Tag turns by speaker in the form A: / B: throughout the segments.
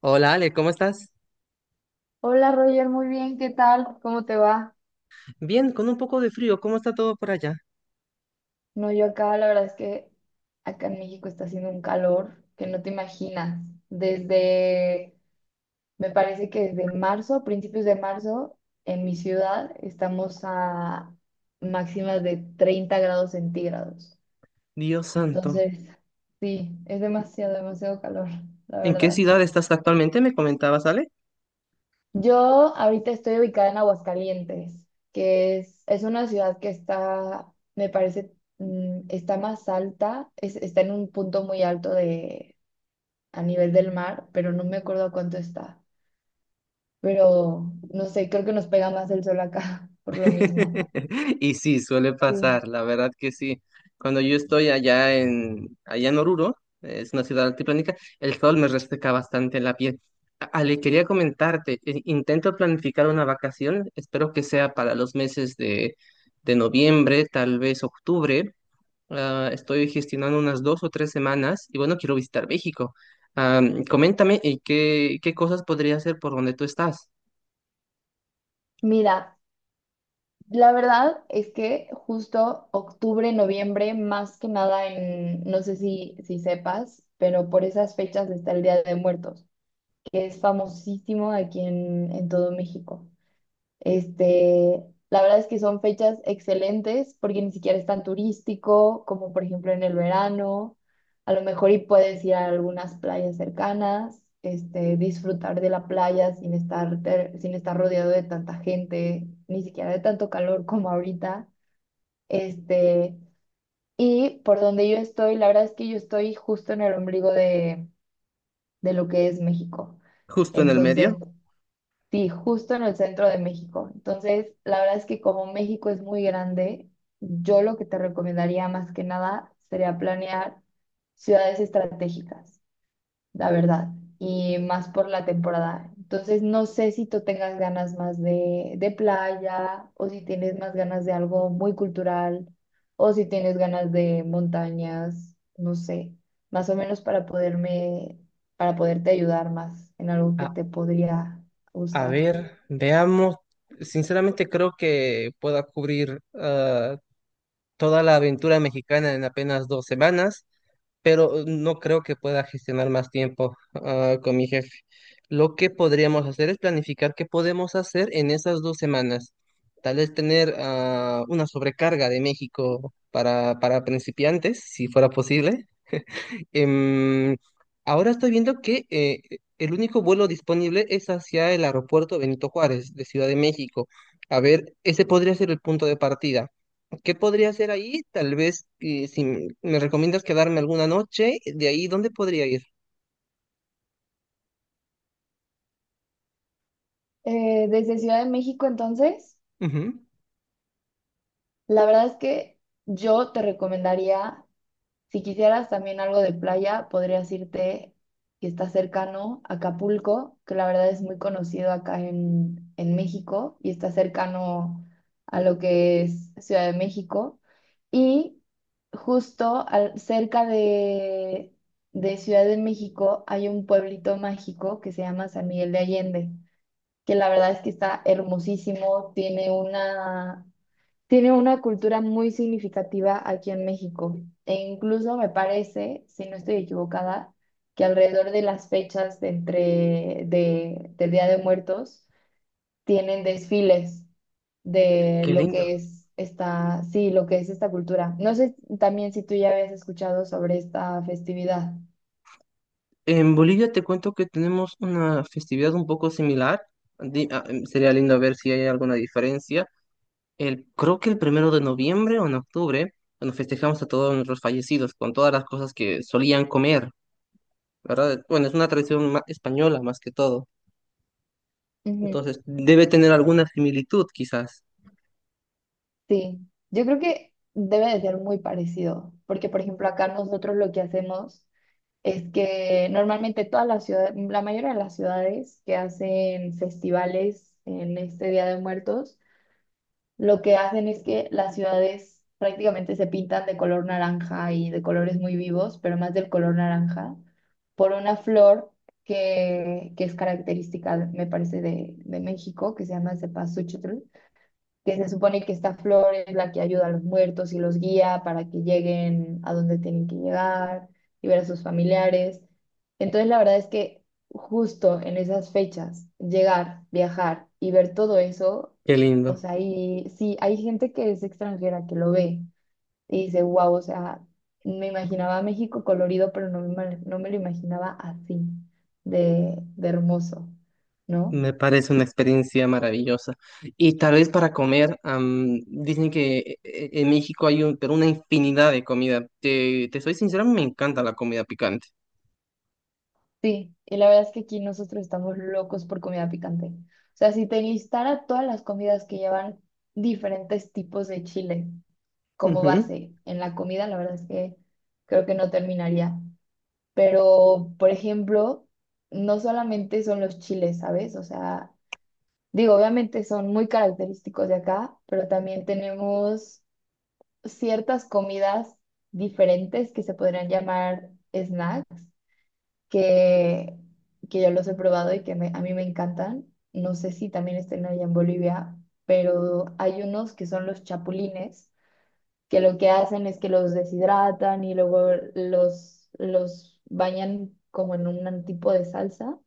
A: Hola Ale, ¿cómo estás?
B: Hola Roger, muy bien, ¿qué tal? ¿Cómo te va?
A: Bien, con un poco de frío, ¿cómo está todo por allá?
B: No, yo acá, la verdad es que acá en México está haciendo un calor que no te imaginas. Desde, Me parece que desde marzo, a principios de marzo, en mi ciudad estamos a máximas de 30 grados centígrados.
A: Dios santo.
B: Entonces, sí, es demasiado, demasiado calor, la
A: ¿En qué
B: verdad.
A: ciudad estás actualmente? Me comentabas, Ale.
B: Yo ahorita estoy ubicada en Aguascalientes, que es una ciudad que está, me parece, está más alta, está en un punto muy alto de, a nivel del mar, pero no me acuerdo a cuánto está. Pero no sé, creo que nos pega más el sol acá por lo mismo.
A: Y sí, suele
B: Sí.
A: pasar, la verdad que sí. Cuando yo estoy allá en, allá en Oruro, es una ciudad altiplánica, el sol me reseca bastante la piel. Ale, quería comentarte, intento planificar una vacación, espero que sea para los meses de noviembre, tal vez octubre. Estoy gestionando unas dos o tres semanas y bueno, quiero visitar México. Ah, coméntame, ¿y qué cosas podría hacer por donde tú estás?
B: Mira, la verdad es que justo octubre, noviembre, más que nada en, no sé si sepas, pero por esas fechas está el Día de Muertos, que es famosísimo aquí en todo México. Este, la verdad es que son fechas excelentes porque ni siquiera es tan turístico como por ejemplo en el verano. A lo mejor y puedes ir a algunas playas cercanas, este, disfrutar de la playa sin estar rodeado de tanta gente, ni siquiera de tanto calor como ahorita. Este, y por donde yo estoy, la verdad es que yo estoy justo en el ombligo de lo que es México.
A: Justo en el
B: Entonces,
A: medio.
B: sí, justo en el centro de México. Entonces, la verdad es que como México es muy grande, yo lo que te recomendaría más que nada sería planear ciudades estratégicas, la verdad, y más por la temporada. Entonces, no sé si tú tengas ganas más de playa o si tienes más ganas de algo muy cultural o si tienes ganas de montañas, no sé, más o menos para poderte ayudar más en algo que
A: A,
B: te podría
A: a
B: gustar.
A: ver, veamos. Sinceramente creo que pueda cubrir toda la aventura mexicana en apenas dos semanas. Pero no creo que pueda gestionar más tiempo con mi jefe. Lo que podríamos hacer es planificar qué podemos hacer en esas dos semanas. Tal vez tener una sobrecarga de México para principiantes, si fuera posible. Em, ahora estoy viendo que el único vuelo disponible es hacia el aeropuerto Benito Juárez de Ciudad de México. A ver, ese podría ser el punto de partida. ¿Qué podría hacer ahí? Tal vez eh, si me recomiendas quedarme alguna noche, de ahí, ¿dónde podría ir?
B: Desde Ciudad de México, entonces,
A: Ujú.
B: la verdad es que yo te recomendaría, si quisieras también algo de playa, podrías irte, que está cercano, a Acapulco, que la verdad es muy conocido acá en México y está cercano a lo que es Ciudad de México. Y justo cerca de Ciudad de México hay un pueblito mágico que se llama San Miguel de Allende, que la verdad es que está hermosísimo, tiene una cultura muy significativa aquí en México. E incluso me parece, si no estoy equivocada, que alrededor de las fechas del Día de Muertos tienen desfiles de
A: Qué
B: lo
A: lindo.
B: que es esta, sí, lo que es esta cultura. No sé también si tú ya habías escuchado sobre esta festividad.
A: En Bolivia te cuento que tenemos una festividad un poco similar. Sería lindo ver si hay alguna diferencia. El, creo que el primero de noviembre o en octubre, bueno, festejamos a todos nuestros fallecidos con todas las cosas que solían comer, ¿verdad? Bueno, es una tradición española más que todo.
B: Ujú.
A: Entonces, debe tener alguna similitud, quizás.
B: Sí, yo creo que debe de ser muy parecido, porque por ejemplo acá nosotros lo que hacemos es que normalmente todas las ciudades, la mayoría de las ciudades que hacen festivales en este Día de Muertos, lo que hacen es que las ciudades prácticamente se pintan de color naranja y de colores muy vivos, pero más del color naranja, por una flor que es característica, me parece, de México, que se llama cempasúchil, que se supone que esta flor es la que ayuda a los muertos y los guía para que lleguen a donde tienen que llegar y ver a sus familiares. Entonces, la verdad es que justo en esas fechas, llegar, viajar y ver todo eso,
A: Qué
B: o
A: lindo.
B: sea, y sí, hay gente que es extranjera que lo ve y dice, wow, o sea, me imaginaba México colorido, pero no me lo imaginaba así, de hermoso, ¿no?
A: Me parece una experiencia maravillosa. Y tal vez para comer, dicen que en México hay un, pero una infinidad de comida. Te soy sincero, me encanta la comida picante.
B: Sí, y la verdad es que aquí nosotros estamos locos por comida picante. O sea, si te listara todas las comidas que llevan diferentes tipos de chile como
A: Ujú.
B: base en la comida, la verdad es que creo que no terminaría. Pero, por ejemplo, no solamente son los chiles, ¿sabes? O sea, digo, obviamente son muy característicos de acá, pero también tenemos ciertas comidas diferentes que se podrían llamar snacks que, que yo los he probado y que a mí me encantan. No sé si también estén allá en Bolivia, pero hay unos que son los chapulines, que lo que hacen es que los deshidratan y luego los bañan como en un tipo de salsa.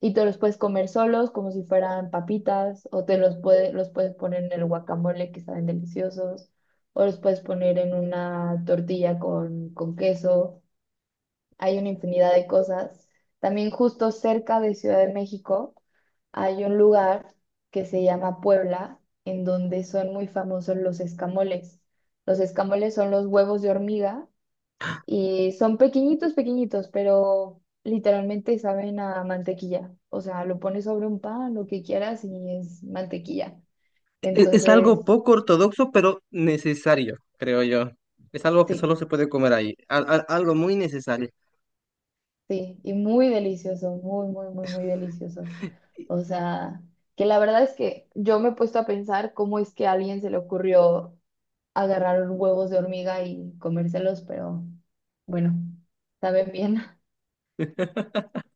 B: Y te los puedes comer solos como si fueran papitas, o los puedes poner en el guacamole, que saben deliciosos, o los puedes poner en una tortilla con queso. Hay una infinidad de cosas. También justo cerca de Ciudad de México hay un lugar que se llama Puebla, en donde son muy famosos los escamoles. Los escamoles son los huevos de hormiga y son pequeñitos, pequeñitos, pero literalmente saben a mantequilla. O sea, lo pones sobre un pan, lo que quieras, y es mantequilla.
A: Es algo
B: Entonces,
A: poco ortodoxo, pero necesario, creo yo. Es algo que solo
B: sí.
A: se puede comer ahí. Algo muy necesario.
B: Sí, y muy delicioso, muy, muy, muy, muy delicioso. O sea, que la verdad es que yo me he puesto a pensar cómo es que a alguien se le ocurrió agarrar huevos de hormiga y comérselos, pero bueno, saben bien.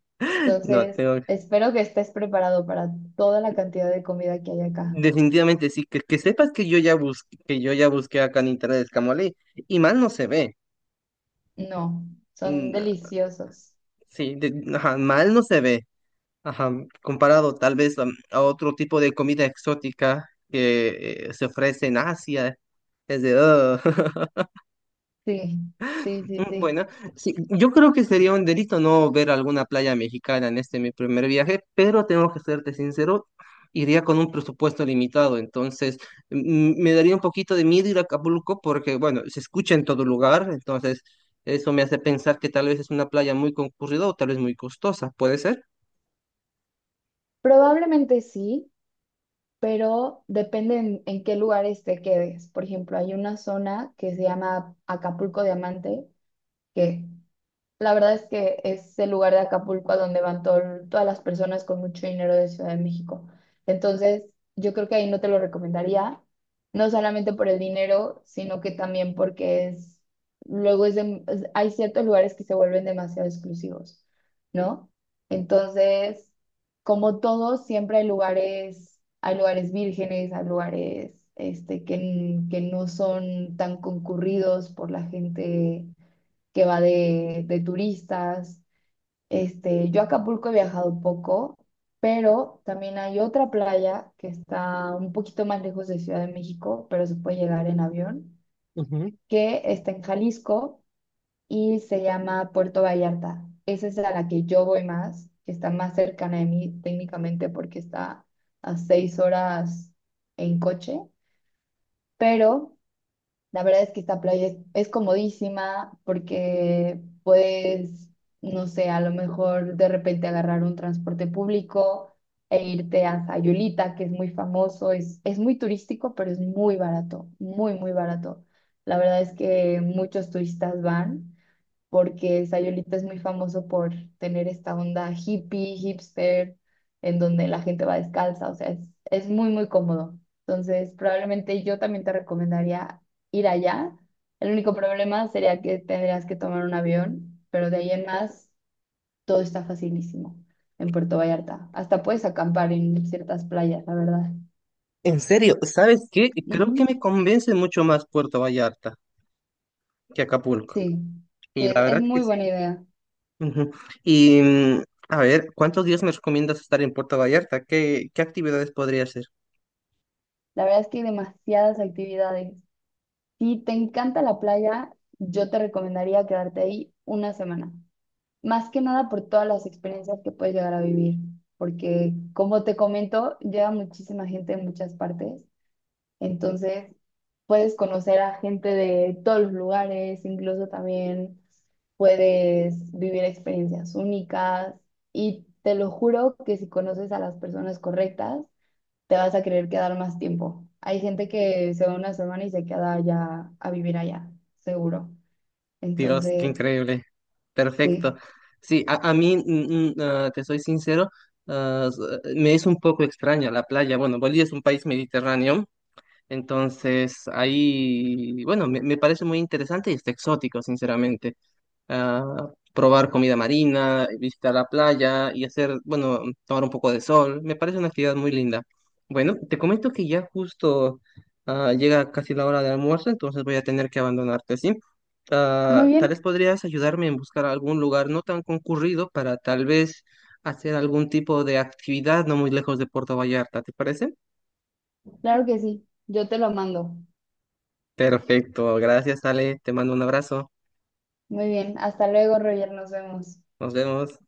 A: No,
B: Entonces,
A: tengo...
B: espero que estés preparado para toda la cantidad de comida que hay acá.
A: Definitivamente sí. Que sepas que yo ya busqué, que yo ya busqué acá en internet escamole. Y mal no se ve.
B: No, son
A: Mm,
B: deliciosos.
A: sí, ajá, mal no se ve. Ajá, comparado tal vez a otro tipo de comida exótica que se ofrece en Asia. Es de... "Ugh".
B: Sí, sí, sí,
A: Mm,
B: sí.
A: bueno, sí, yo creo que sería un delito no ver alguna playa mexicana en este mi primer viaje, pero tengo que serte sincero, iría con un presupuesto limitado, entonces me daría un poquito de miedo ir a Acapulco porque, bueno, se escucha en todo lugar, entonces eso me hace pensar que tal vez es una playa muy concurrida o tal vez muy costosa, ¿puede ser?
B: Probablemente sí, pero depende en, qué lugares te quedes. Por ejemplo, hay una zona que se llama Acapulco Diamante, que la verdad es que es el lugar de Acapulco a donde van todas las personas con mucho dinero de Ciudad de México. Entonces, yo creo que ahí no te lo recomendaría, no solamente por el dinero, sino que también porque es, luego es hay ciertos lugares que se vuelven demasiado exclusivos, ¿no? Entonces, como todo, siempre hay lugares vírgenes, hay lugares este, que no son tan concurridos por la gente que va de turistas. Este, yo a Acapulco he viajado poco, pero también hay otra playa que está un poquito más lejos de Ciudad de México, pero se puede llegar en avión,
A: Ujú.
B: que está en Jalisco y se llama Puerto Vallarta. Esa es a la que yo voy más, que está más cercana de mí técnicamente porque está a 6 horas en coche, pero la verdad es que esta playa es comodísima porque puedes, no sé, a lo mejor de repente agarrar un transporte público e irte a Sayulita, que es muy famoso, es muy turístico, pero es muy barato, muy, muy barato. La verdad es que muchos turistas van porque Sayulita es muy famoso por tener esta onda hippie, hipster, en donde la gente va descalza, o sea, es muy, muy cómodo. Entonces, probablemente yo también te recomendaría ir allá. El único problema sería que tendrías que tomar un avión, pero de ahí en más, todo está facilísimo en Puerto Vallarta. Hasta puedes acampar en ciertas playas, la verdad.
A: En serio, ¿sabes qué? Creo
B: Ujú.
A: que me convence mucho más Puerto Vallarta que Acapulco.
B: Sí, sí,
A: Y
B: es,
A: la
B: es
A: verdad que
B: muy buena
A: sí.
B: idea.
A: Ujú. Y a ver, ¿cuántos días me recomiendas estar en Puerto Vallarta? Qué actividades podría hacer?
B: La verdad es que hay demasiadas actividades. Si te encanta la playa, yo te recomendaría quedarte ahí una semana. Más que nada por todas las experiencias que puedes llegar a vivir, porque como te comento, llega muchísima gente de muchas partes, entonces puedes conocer a gente de todos los lugares, incluso también puedes vivir experiencias únicas, y te lo juro que si conoces a las personas correctas, te vas a querer quedar más tiempo. Hay gente que se va una semana y se queda allá a vivir allá, seguro.
A: Dios, qué
B: Entonces,
A: increíble. Perfecto.
B: sí.
A: Sí, a mí, te soy sincero, ah, s- me es un poco extraña la playa. Bueno, Bolivia es un país mediterráneo, entonces ahí, bueno, me parece muy interesante y está exótico, sinceramente. Probar comida marina, visitar la playa y hacer, bueno, tomar un poco de sol. Me parece una actividad muy linda. Bueno, te comento que ya justo llega casi la hora de almuerzo, entonces voy a tener que abandonarte, ¿sí?
B: Muy
A: Ah, tal vez
B: bien,
A: podrías ayudarme en buscar algún lugar no tan concurrido para tal vez hacer algún tipo de actividad no muy lejos de Puerto Vallarta, ¿te parece?
B: claro que sí. Yo te lo mando.
A: Perfecto, gracias Ale, te mando un abrazo,
B: Muy bien, hasta luego, Roger, nos vemos.
A: nos vemos.